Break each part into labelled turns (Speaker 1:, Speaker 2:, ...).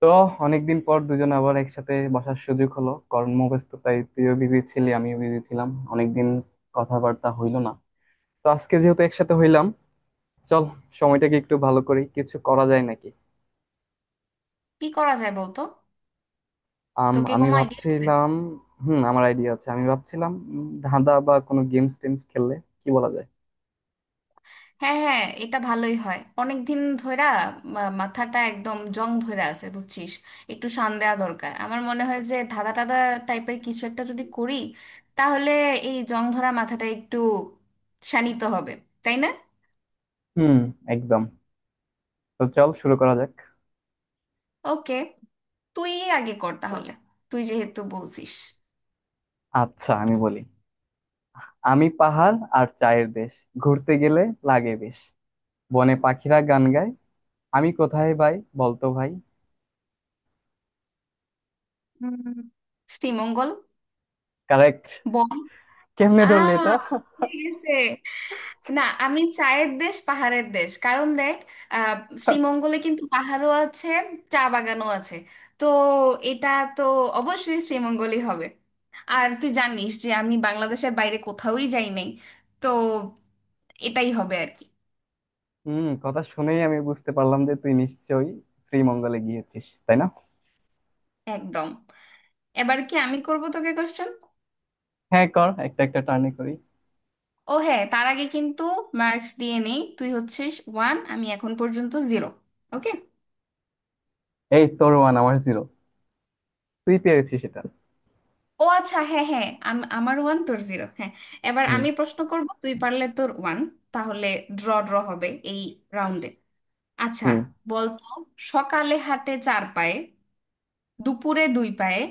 Speaker 1: তো অনেকদিন পর দুজন আবার একসাথে বসার সুযোগ হলো। কর্মব্যস্ততায় তুইও বিজি ছিলি, আমিও বিজি ছিলাম। অনেকদিন কথাবার্তা হইলো না। তো আজকে যেহেতু একসাথে হইলাম, চল সময়টাকে একটু ভালো করি, কিছু করা যায় নাকি।
Speaker 2: কি করা যায় বলতো? তোকে
Speaker 1: আমি
Speaker 2: কোনো আইডিয়া আছে?
Speaker 1: ভাবছিলাম। হুম, আমার আইডিয়া আছে। আমি ভাবছিলাম ধাঁধা বা কোনো গেমস টেমস খেললে কি বলা যায়।
Speaker 2: হ্যাঁ, হ্যাঁ, এটা ভালোই হয়। অনেক দিন ধইরা মাথাটা একদম জং ধইরা আছে বুঝছিস। একটু শান দেওয়া দরকার। আমার মনে হয় যে ধাঁধা টাদা টাইপের কিছু একটা যদি করি, তাহলে এই জং ধরা মাথাটা একটু শানিত হবে, তাই না?
Speaker 1: হুম, একদম। তো চল শুরু করা যাক।
Speaker 2: ওকে। তুই আগে কর তাহলে, তুই যেহেতু বলছিস।
Speaker 1: আচ্ছা, আমি বলি। আমি পাহাড় আর চায়ের দেশ, ঘুরতে গেলে লাগে বেশ, বনে পাখিরা গান গায়, আমি কোথায় ভাই? বলতো ভাই।
Speaker 2: উম, শ্রীমঙ্গল।
Speaker 1: কারেক্ট।
Speaker 2: বল।
Speaker 1: কেমনে
Speaker 2: আ
Speaker 1: ধরলি এটা?
Speaker 2: ঠিক আছে। না, আমি চায়ের দেশ পাহাড়ের দেশ, কারণ দেখ, আহ শ্রীমঙ্গলে কিন্তু পাহাড়ও আছে, চা বাগানও আছে। তো এটা তো অবশ্যই শ্রীমঙ্গলই হবে। আর তুই জানিস যে আমি বাংলাদেশের বাইরে কোথাওই যাই নাই, তো এটাই হবে আর কি।
Speaker 1: হুম, কথা শুনেই আমি বুঝতে পারলাম যে তুই নিশ্চয়ই শ্রীমঙ্গলে গিয়েছিস, তাই না?
Speaker 2: একদম। এবার কি আমি করব তোকে কোশ্চেন?
Speaker 1: হ্যাঁ কর, একটা একটা টার্নে করি।
Speaker 2: ও হ্যাঁ, তার আগে কিন্তু মার্কস দিয়ে নেই। তুই হচ্ছিস ওয়ান, আমি এখন পর্যন্ত জিরো। ওকে।
Speaker 1: এই, তোর ওয়ান আমার জিরো। তুই পেরেছিস এটা।
Speaker 2: ও আচ্ছা, হ্যাঁ, হ্যাঁ, আমার ওয়ান তোর জিরো, হ্যাঁ। এবার
Speaker 1: হুম।
Speaker 2: আমি প্রশ্ন করব, তুই পারলে তোর ওয়ান, তাহলে ড্র ড্র হবে এই রাউন্ডে। আচ্ছা।
Speaker 1: হুম।
Speaker 2: বলতো, সকালে হাঁটে চার পায়ে, দুপুরে দুই পায়ে,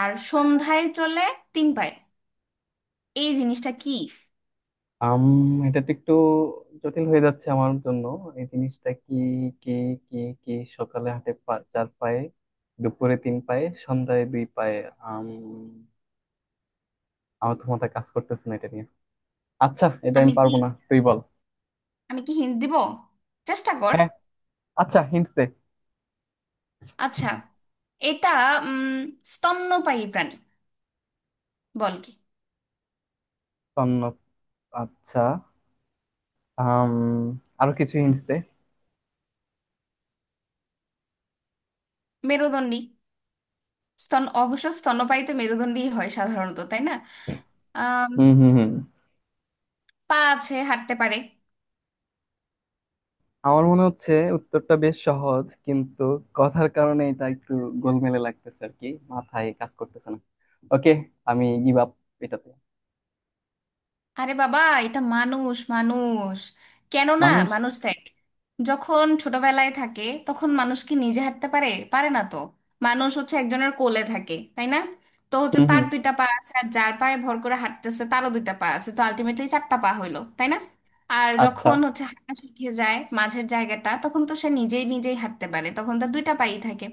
Speaker 2: আর সন্ধ্যায় চলে তিন পায়ে। এই জিনিসটা কি?
Speaker 1: আম এটা তো একটু জটিল হয়ে যাচ্ছে আমার জন্য। এই জিনিসটা কি? কি? কি? কি? সকালে হাঁটে চার পায়ে, দুপুরে তিন পায়ে, সন্ধ্যায় দুই পায়ে। আম আমার তো মাথা কাজ করতেছে না এটা নিয়ে। আচ্ছা, এটা আমি
Speaker 2: আমি কি
Speaker 1: পারবো না, তুই বল।
Speaker 2: আমি কি হিন্ট দিব? চেষ্টা কর।
Speaker 1: হ্যাঁ, আচ্ছা হিন্টস দে।
Speaker 2: আচ্ছা, এটা উম স্তন্যপায়ী প্রাণী। বল কি?
Speaker 1: তন্ন। আচ্ছা। আম, আরো কিছু হিন্টস দে।
Speaker 2: মেরুদণ্ডী। স্তন, অবশ্য স্তন্যপায়ী তো মেরুদণ্ডী হয় সাধারণত, তাই না?
Speaker 1: হুম হুম হুম।
Speaker 2: পা আছে, হাঁটতে পারে।
Speaker 1: আমার মনে হচ্ছে উত্তরটা বেশ সহজ, কিন্তু কথার কারণে এটা একটু গোলমেলে লাগতেছে আর কি, মাথায় কাজ করতেছে না। ওকে, আমি গিভ আপ এটাতে।
Speaker 2: আরে বাবা, এটা মানুষ। মানুষ কেন না?
Speaker 1: মানুষ।
Speaker 2: মানুষ দেখ, যখন ছোটবেলায় থাকে তখন মানুষ কি নিজে হাঁটতে পারে? পারে না তো। মানুষ হচ্ছে একজনের কোলে থাকে, তাই না? তো হচ্ছে
Speaker 1: হুম
Speaker 2: তার
Speaker 1: হুম।
Speaker 2: দুইটা পা আছে, আর যার পায়ে ভর করে হাঁটতেছে তারও দুইটা পা আছে, তো আলটিমেটলি চারটা পা হইলো, তাই না? আর
Speaker 1: আচ্ছা।
Speaker 2: যখন হচ্ছে হাঁটা শিখে যায় মাঝের জায়গাটা, তখন তো সে নিজেই নিজেই হাঁটতে পারে, তখন তার দুইটা পাই থাকে।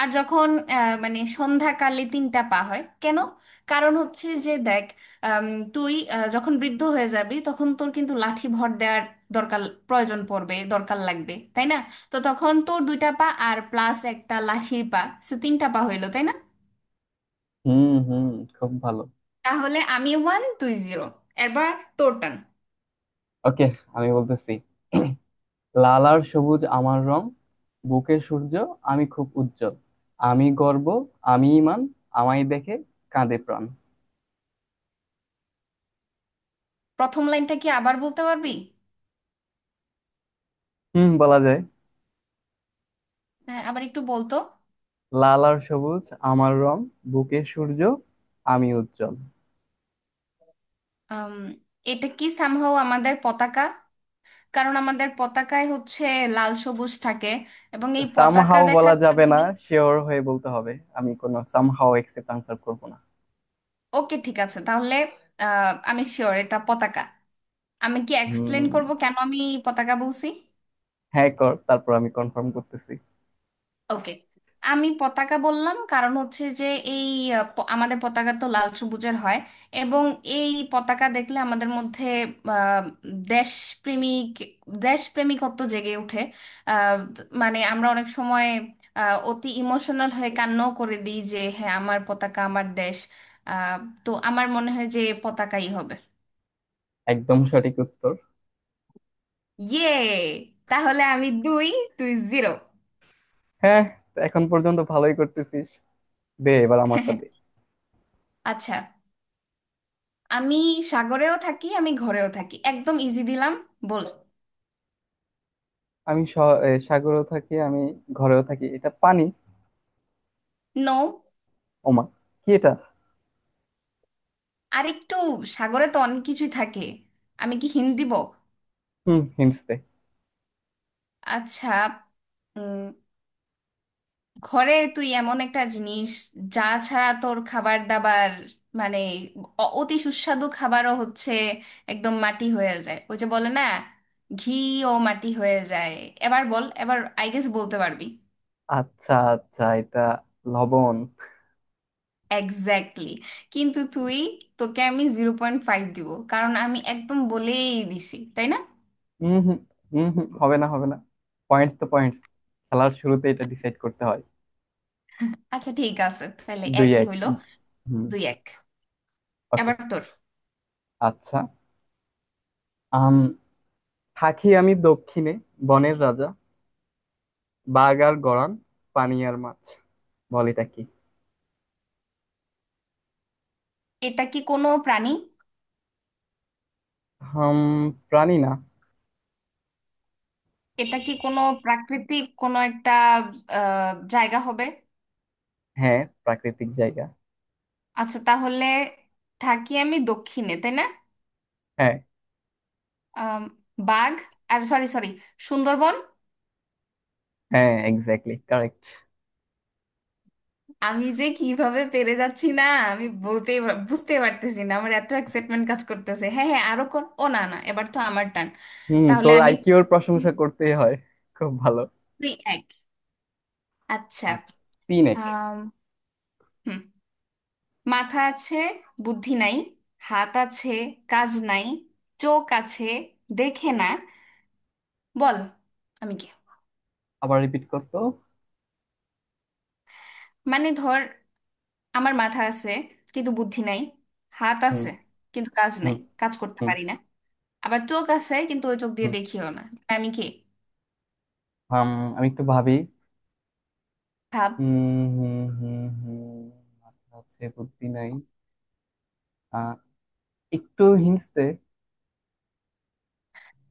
Speaker 2: আর যখন মানে সন্ধ্যাকালে তিনটা পা হয় কেন? কারণ হচ্ছে যে দেখ, আম, তুই যখন বৃদ্ধ হয়ে যাবি তখন তোর কিন্তু লাঠি ভর দেওয়ার দরকার, প্রয়োজন পড়বে, দরকার লাগবে, তাই না? তো তখন তোর দুইটা পা আর প্লাস একটা লাঠির পা, সে তিনটা পা হইলো, তাই না?
Speaker 1: হুম হুম, খুব ভালো।
Speaker 2: তাহলে আমি ওয়ান, তুই জিরো। এবার তোর টান।
Speaker 1: ওকে, আমি বলতেছি। লাল আর সবুজ আমার রং, বুকে সূর্য আমি খুব উজ্জ্বল, আমি গর্ব, আমি ইমান, আমায় দেখে কাঁদে প্রাণ।
Speaker 2: প্রথম লাইনটা কি আবার বলতে পারবি?
Speaker 1: হুম, বলা যায়।
Speaker 2: হ্যাঁ, আবার একটু বলতো।
Speaker 1: লাল আর সবুজ আমার রং, বুকে সূর্য আমি উজ্জ্বল।
Speaker 2: আম, এটা কি সামহাও আমাদের পতাকা? কারণ আমাদের পতাকায় হচ্ছে লাল সবুজ থাকে, এবং এই পতাকা
Speaker 1: সামহাও বলা
Speaker 2: দেখার
Speaker 1: যাবে না,
Speaker 2: কারণে।
Speaker 1: শিওর হয়ে বলতে হবে। আমি কোনো সামহাও একসেপ্ট আনসার করব না।
Speaker 2: ওকে, ঠিক আছে তাহলে। আমি শিওর এটা পতাকা। আমি কি এক্সপ্লেন
Speaker 1: হুম।
Speaker 2: করব কেন আমি পতাকা বলছি?
Speaker 1: হ্যাঁ কর, তারপর আমি কনফার্ম করতেছি।
Speaker 2: ওকে। আমি পতাকা বললাম, কারণ হচ্ছে যে এই আমাদের পতাকা তো লাল সবুজের হয়। এবং এই পতাকা দেখলে আমাদের মধ্যে আহ, দেশপ্রেমিক, দেশপ্রেমিকত্ব জেগে ওঠে। আহ, মানে আমরা অনেক সময় অতি ইমোশনাল হয়ে কান্নাও করে দিই, যে হ্যাঁ আমার পতাকা, আমার দেশ। আহ, তো আমার মনে হয় যে পতাকাই হবে।
Speaker 1: একদম সঠিক উত্তর।
Speaker 2: ইয়ে! তাহলে আমি দুই, তুই জিরো।
Speaker 1: হ্যাঁ, তো এখন পর্যন্ত ভালোই করতেছিস। দে, এবার আমারটা দে।
Speaker 2: আচ্ছা। আমি সাগরেও থাকি, আমি ঘরেও থাকি। একদম ইজি দিলাম, বল।
Speaker 1: আমি সাগরেও থাকি আমি ঘরেও থাকি, এটা পানি।
Speaker 2: নো।
Speaker 1: ওমা, কি এটা?
Speaker 2: আরেকটু, সাগরে তো অনেক কিছুই থাকে। আমি কি হিন্ট দিব?
Speaker 1: হুম, হিন্টস দে।
Speaker 2: আচ্ছা, উম, ঘরে তুই এমন একটা জিনিস, যা ছাড়া তোর খাবার দাবার মানে অতি সুস্বাদু খাবারও হচ্ছে একদম মাটি হয়ে যায়। ওই যে বলে না, ঘিও মাটি হয়ে যায়। এবার বল, এবার আই গেস বলতে পারবি।
Speaker 1: আচ্ছা আচ্ছা, এটা লবণ।
Speaker 2: এক্স্যাক্টলি! কিন্তু তুই, তোকে আমি জিরো পয়েন্ট ফাইভ দিব, কারণ আমি একদম বলেই দিছি, তাই না?
Speaker 1: হুম হুম। হুম হুম, হবে না হবে না। পয়েন্টস তো পয়েন্টস, খেলার শুরুতে এটা ডিসাইড করতে হয়।
Speaker 2: আচ্ছা, ঠিক আছে তাহলে
Speaker 1: দুই
Speaker 2: একই
Speaker 1: এক।
Speaker 2: হইলো।
Speaker 1: হুম।
Speaker 2: দুই এক।
Speaker 1: ওকে।
Speaker 2: এবার তোর।
Speaker 1: আচ্ছা। আম থাকি আমি দক্ষিণে, বনের রাজা বাঘ আর গড়ান, পানি আর মাছ, বল এটা কি।
Speaker 2: এটা কি কোনো প্রাণী?
Speaker 1: হাম, প্রাণী না।
Speaker 2: এটা কি কোনো প্রাকৃতিক কোনো একটা জায়গা হবে?
Speaker 1: হ্যাঁ, প্রাকৃতিক জায়গা।
Speaker 2: আচ্ছা, তাহলে থাকি আমি দক্ষিণে, তাই না?
Speaker 1: হ্যাঁ।
Speaker 2: আম, বাঘ আর, সরি সরি, সুন্দরবন।
Speaker 1: হ্যাঁ, এক্স্যাক্টলি কারেক্ট।
Speaker 2: আমি যে কিভাবে পেরে যাচ্ছি না, আমি বুঝতে পারতেছি না, আমার এত এক্সাইটমেন্ট কাজ করতেছে। হ্যাঁ, হ্যাঁ, আরো কোন, ও না না, এবার তো আমার টান।
Speaker 1: হুম,
Speaker 2: তাহলে
Speaker 1: তোর
Speaker 2: আমি
Speaker 1: আইকিউর প্রশংসা করতেই হয়। খুব ভালো।
Speaker 2: দুই এক। আচ্ছা,
Speaker 1: আর তিন এক।
Speaker 2: আম, হুম মাথা আছে, বুদ্ধি নাই, হাত আছে, কাজ নাই, চোখ আছে, দেখে না। বল আমি কি?
Speaker 1: আবার রিপিট করতো।
Speaker 2: মানে ধর, আমার মাথা আছে কিন্তু বুদ্ধি নাই, হাত
Speaker 1: হুম।
Speaker 2: আছে কিন্তু কাজ নাই,
Speaker 1: হুম।
Speaker 2: কাজ করতে
Speaker 1: হুম
Speaker 2: পারি না, আবার চোখ আছে কিন্তু ওই চোখ দিয়ে
Speaker 1: হুম।
Speaker 2: দেখিও না। আমি কে?
Speaker 1: হাম, আমি একটু ভাবি।
Speaker 2: ভাব।
Speaker 1: হুম হুম হুম হুম। মাথা হচ্ছে, বুদ্ধি নাই। আহ, একটু হিন্টস দে।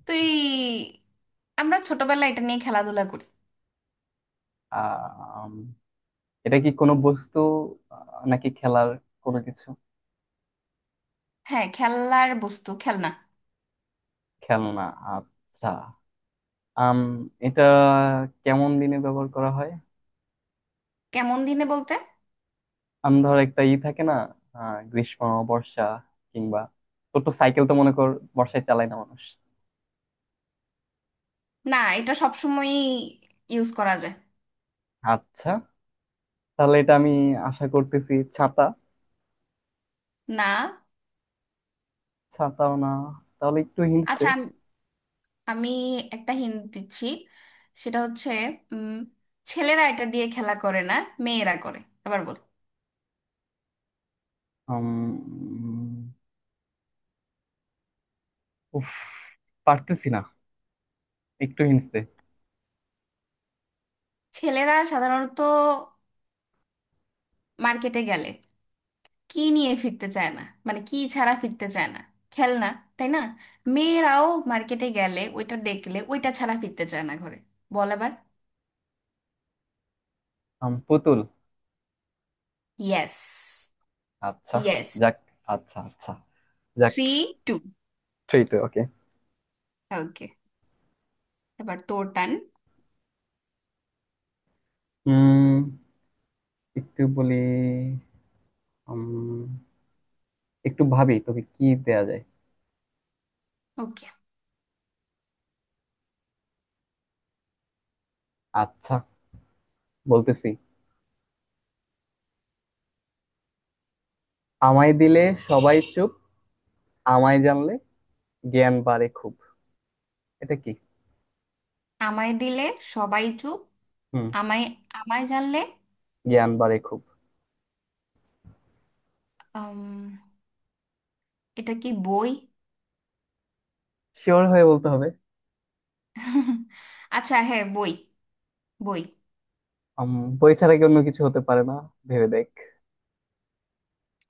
Speaker 2: তুই, আমরা ছোটবেলায় এটা নিয়ে খেলাধুলা করি।
Speaker 1: আহ, এটা কি কোনো বস্তু? নাকি খেলার কোনো কিছু?
Speaker 2: হ্যাঁ, খেলার বস্তু, খেলনা।
Speaker 1: খেলনা। আচ্ছা। আম এটা কেমন দিনে ব্যবহার করা হয়?
Speaker 2: কেমন দিনে বলতে?
Speaker 1: ধর একটা ই থাকে না, গ্রীষ্ম, বর্ষা কিংবা, তোর তো সাইকেল তো মনে কর, বর্ষায় চালায় না মানুষ।
Speaker 2: না, এটা সবসময় ইউজ করা যায়।
Speaker 1: আচ্ছা, তাহলে এটা আমি আশা করতেছি ছাতা।
Speaker 2: না।
Speaker 1: ছাতাও না, তাহলে একটু হিন্টস দে।
Speaker 2: আচ্ছা, আমি আমি একটা হিন্ট দিচ্ছি, সেটা হচ্ছে উম, ছেলেরা এটা দিয়ে খেলা করে না, মেয়েরা করে। আবার বল।
Speaker 1: উম, উফ, পারতেছি না, একটু হিন্টস দে।
Speaker 2: ছেলেরা সাধারণত মার্কেটে গেলে কি নিয়ে ফিরতে চায় না, মানে কি ছাড়া ফিরতে চায় না, খেলনা, তাই না? মেয়েরাও মার্কেটে গেলে ওইটা দেখলে ওইটা ছাড়া ফিরতে চায় না ঘরে। বল আবার।
Speaker 1: পুতুল।
Speaker 2: ইয়েস।
Speaker 1: আচ্ছা।
Speaker 2: ইয়েস।
Speaker 1: যাক, আচ্ছা আচ্ছা, যাক।
Speaker 2: Three two.
Speaker 1: Three two, okay.
Speaker 2: Okay. এবার তোর টান।
Speaker 1: উম একটু বলি। উম, একটু ভাবি তোকে কি দেয়া যায়।
Speaker 2: ওকে।
Speaker 1: আচ্ছা, বলতেছি। আমায় দিলে সবাই চুপ, আমায় জানলে জ্ঞান বাড়ে খুব, এটা কি?
Speaker 2: আমায় দিলে সবাই চুপ।
Speaker 1: হুম।
Speaker 2: আমায় আমায় জানলে...
Speaker 1: জ্ঞান বাড়ে খুব।
Speaker 2: উম, এটা কি বই?
Speaker 1: শিওর হয়ে বলতে হবে।
Speaker 2: আচ্ছা, হ্যাঁ, বই। বই।
Speaker 1: উম, বই ছাড়া কি অন্য কিছু হতে পারে না? ভেবে দেখ।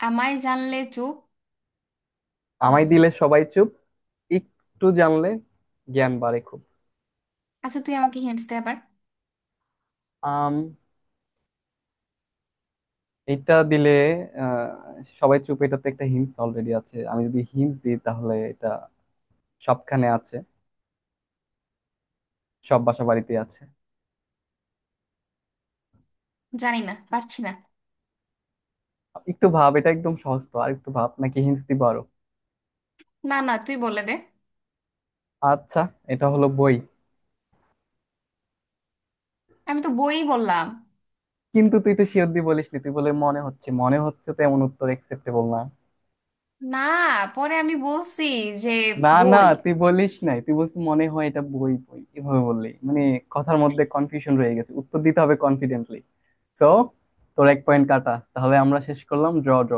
Speaker 2: আমায় জানলে চুপ।
Speaker 1: আমায়
Speaker 2: উম,
Speaker 1: দিলে সবাই চুপ, একটু জানলে জ্ঞান বাড়ে খুব।
Speaker 2: আচ্ছা, তুই আমাকে হিন্টস দে আবার।
Speaker 1: আম এটা দিলে, সবাই চুপ, এটাতে একটা হিন্স অলরেডি আছে, আমি যদি হিন্স দিই তাহলে এটা সবখানে আছে, সব বাসা বাড়িতে আছে।
Speaker 2: জানি না, পারছি না।
Speaker 1: একটু ভাব, এটা একদম সহজ তো, আর একটু ভাব, নাকি হিন্স দিব আরো।
Speaker 2: না না, তুই বলে দে।
Speaker 1: আচ্ছা, এটা হলো বই।
Speaker 2: আমি তো বই বললাম।
Speaker 1: কিন্তু তুই তো শিওর দিয়ে বলিস নি, তুই বলে মনে হচ্ছে, মনে হচ্ছে, তো এমন উত্তর একসেপ্টেবল না।
Speaker 2: না, পরে আমি বলছি যে
Speaker 1: না না,
Speaker 2: বই।
Speaker 1: তুই বলিস নাই, তুই বলছিস মনে হয় এটা বই, বই, এভাবে বললি মানে কথার মধ্যে কনফিউশন রয়ে গেছে। উত্তর দিতে হবে কনফিডেন্টলি। সো তোর এক পয়েন্ট কাটা, তাহলে আমরা শেষ করলাম, ড্র ড্র।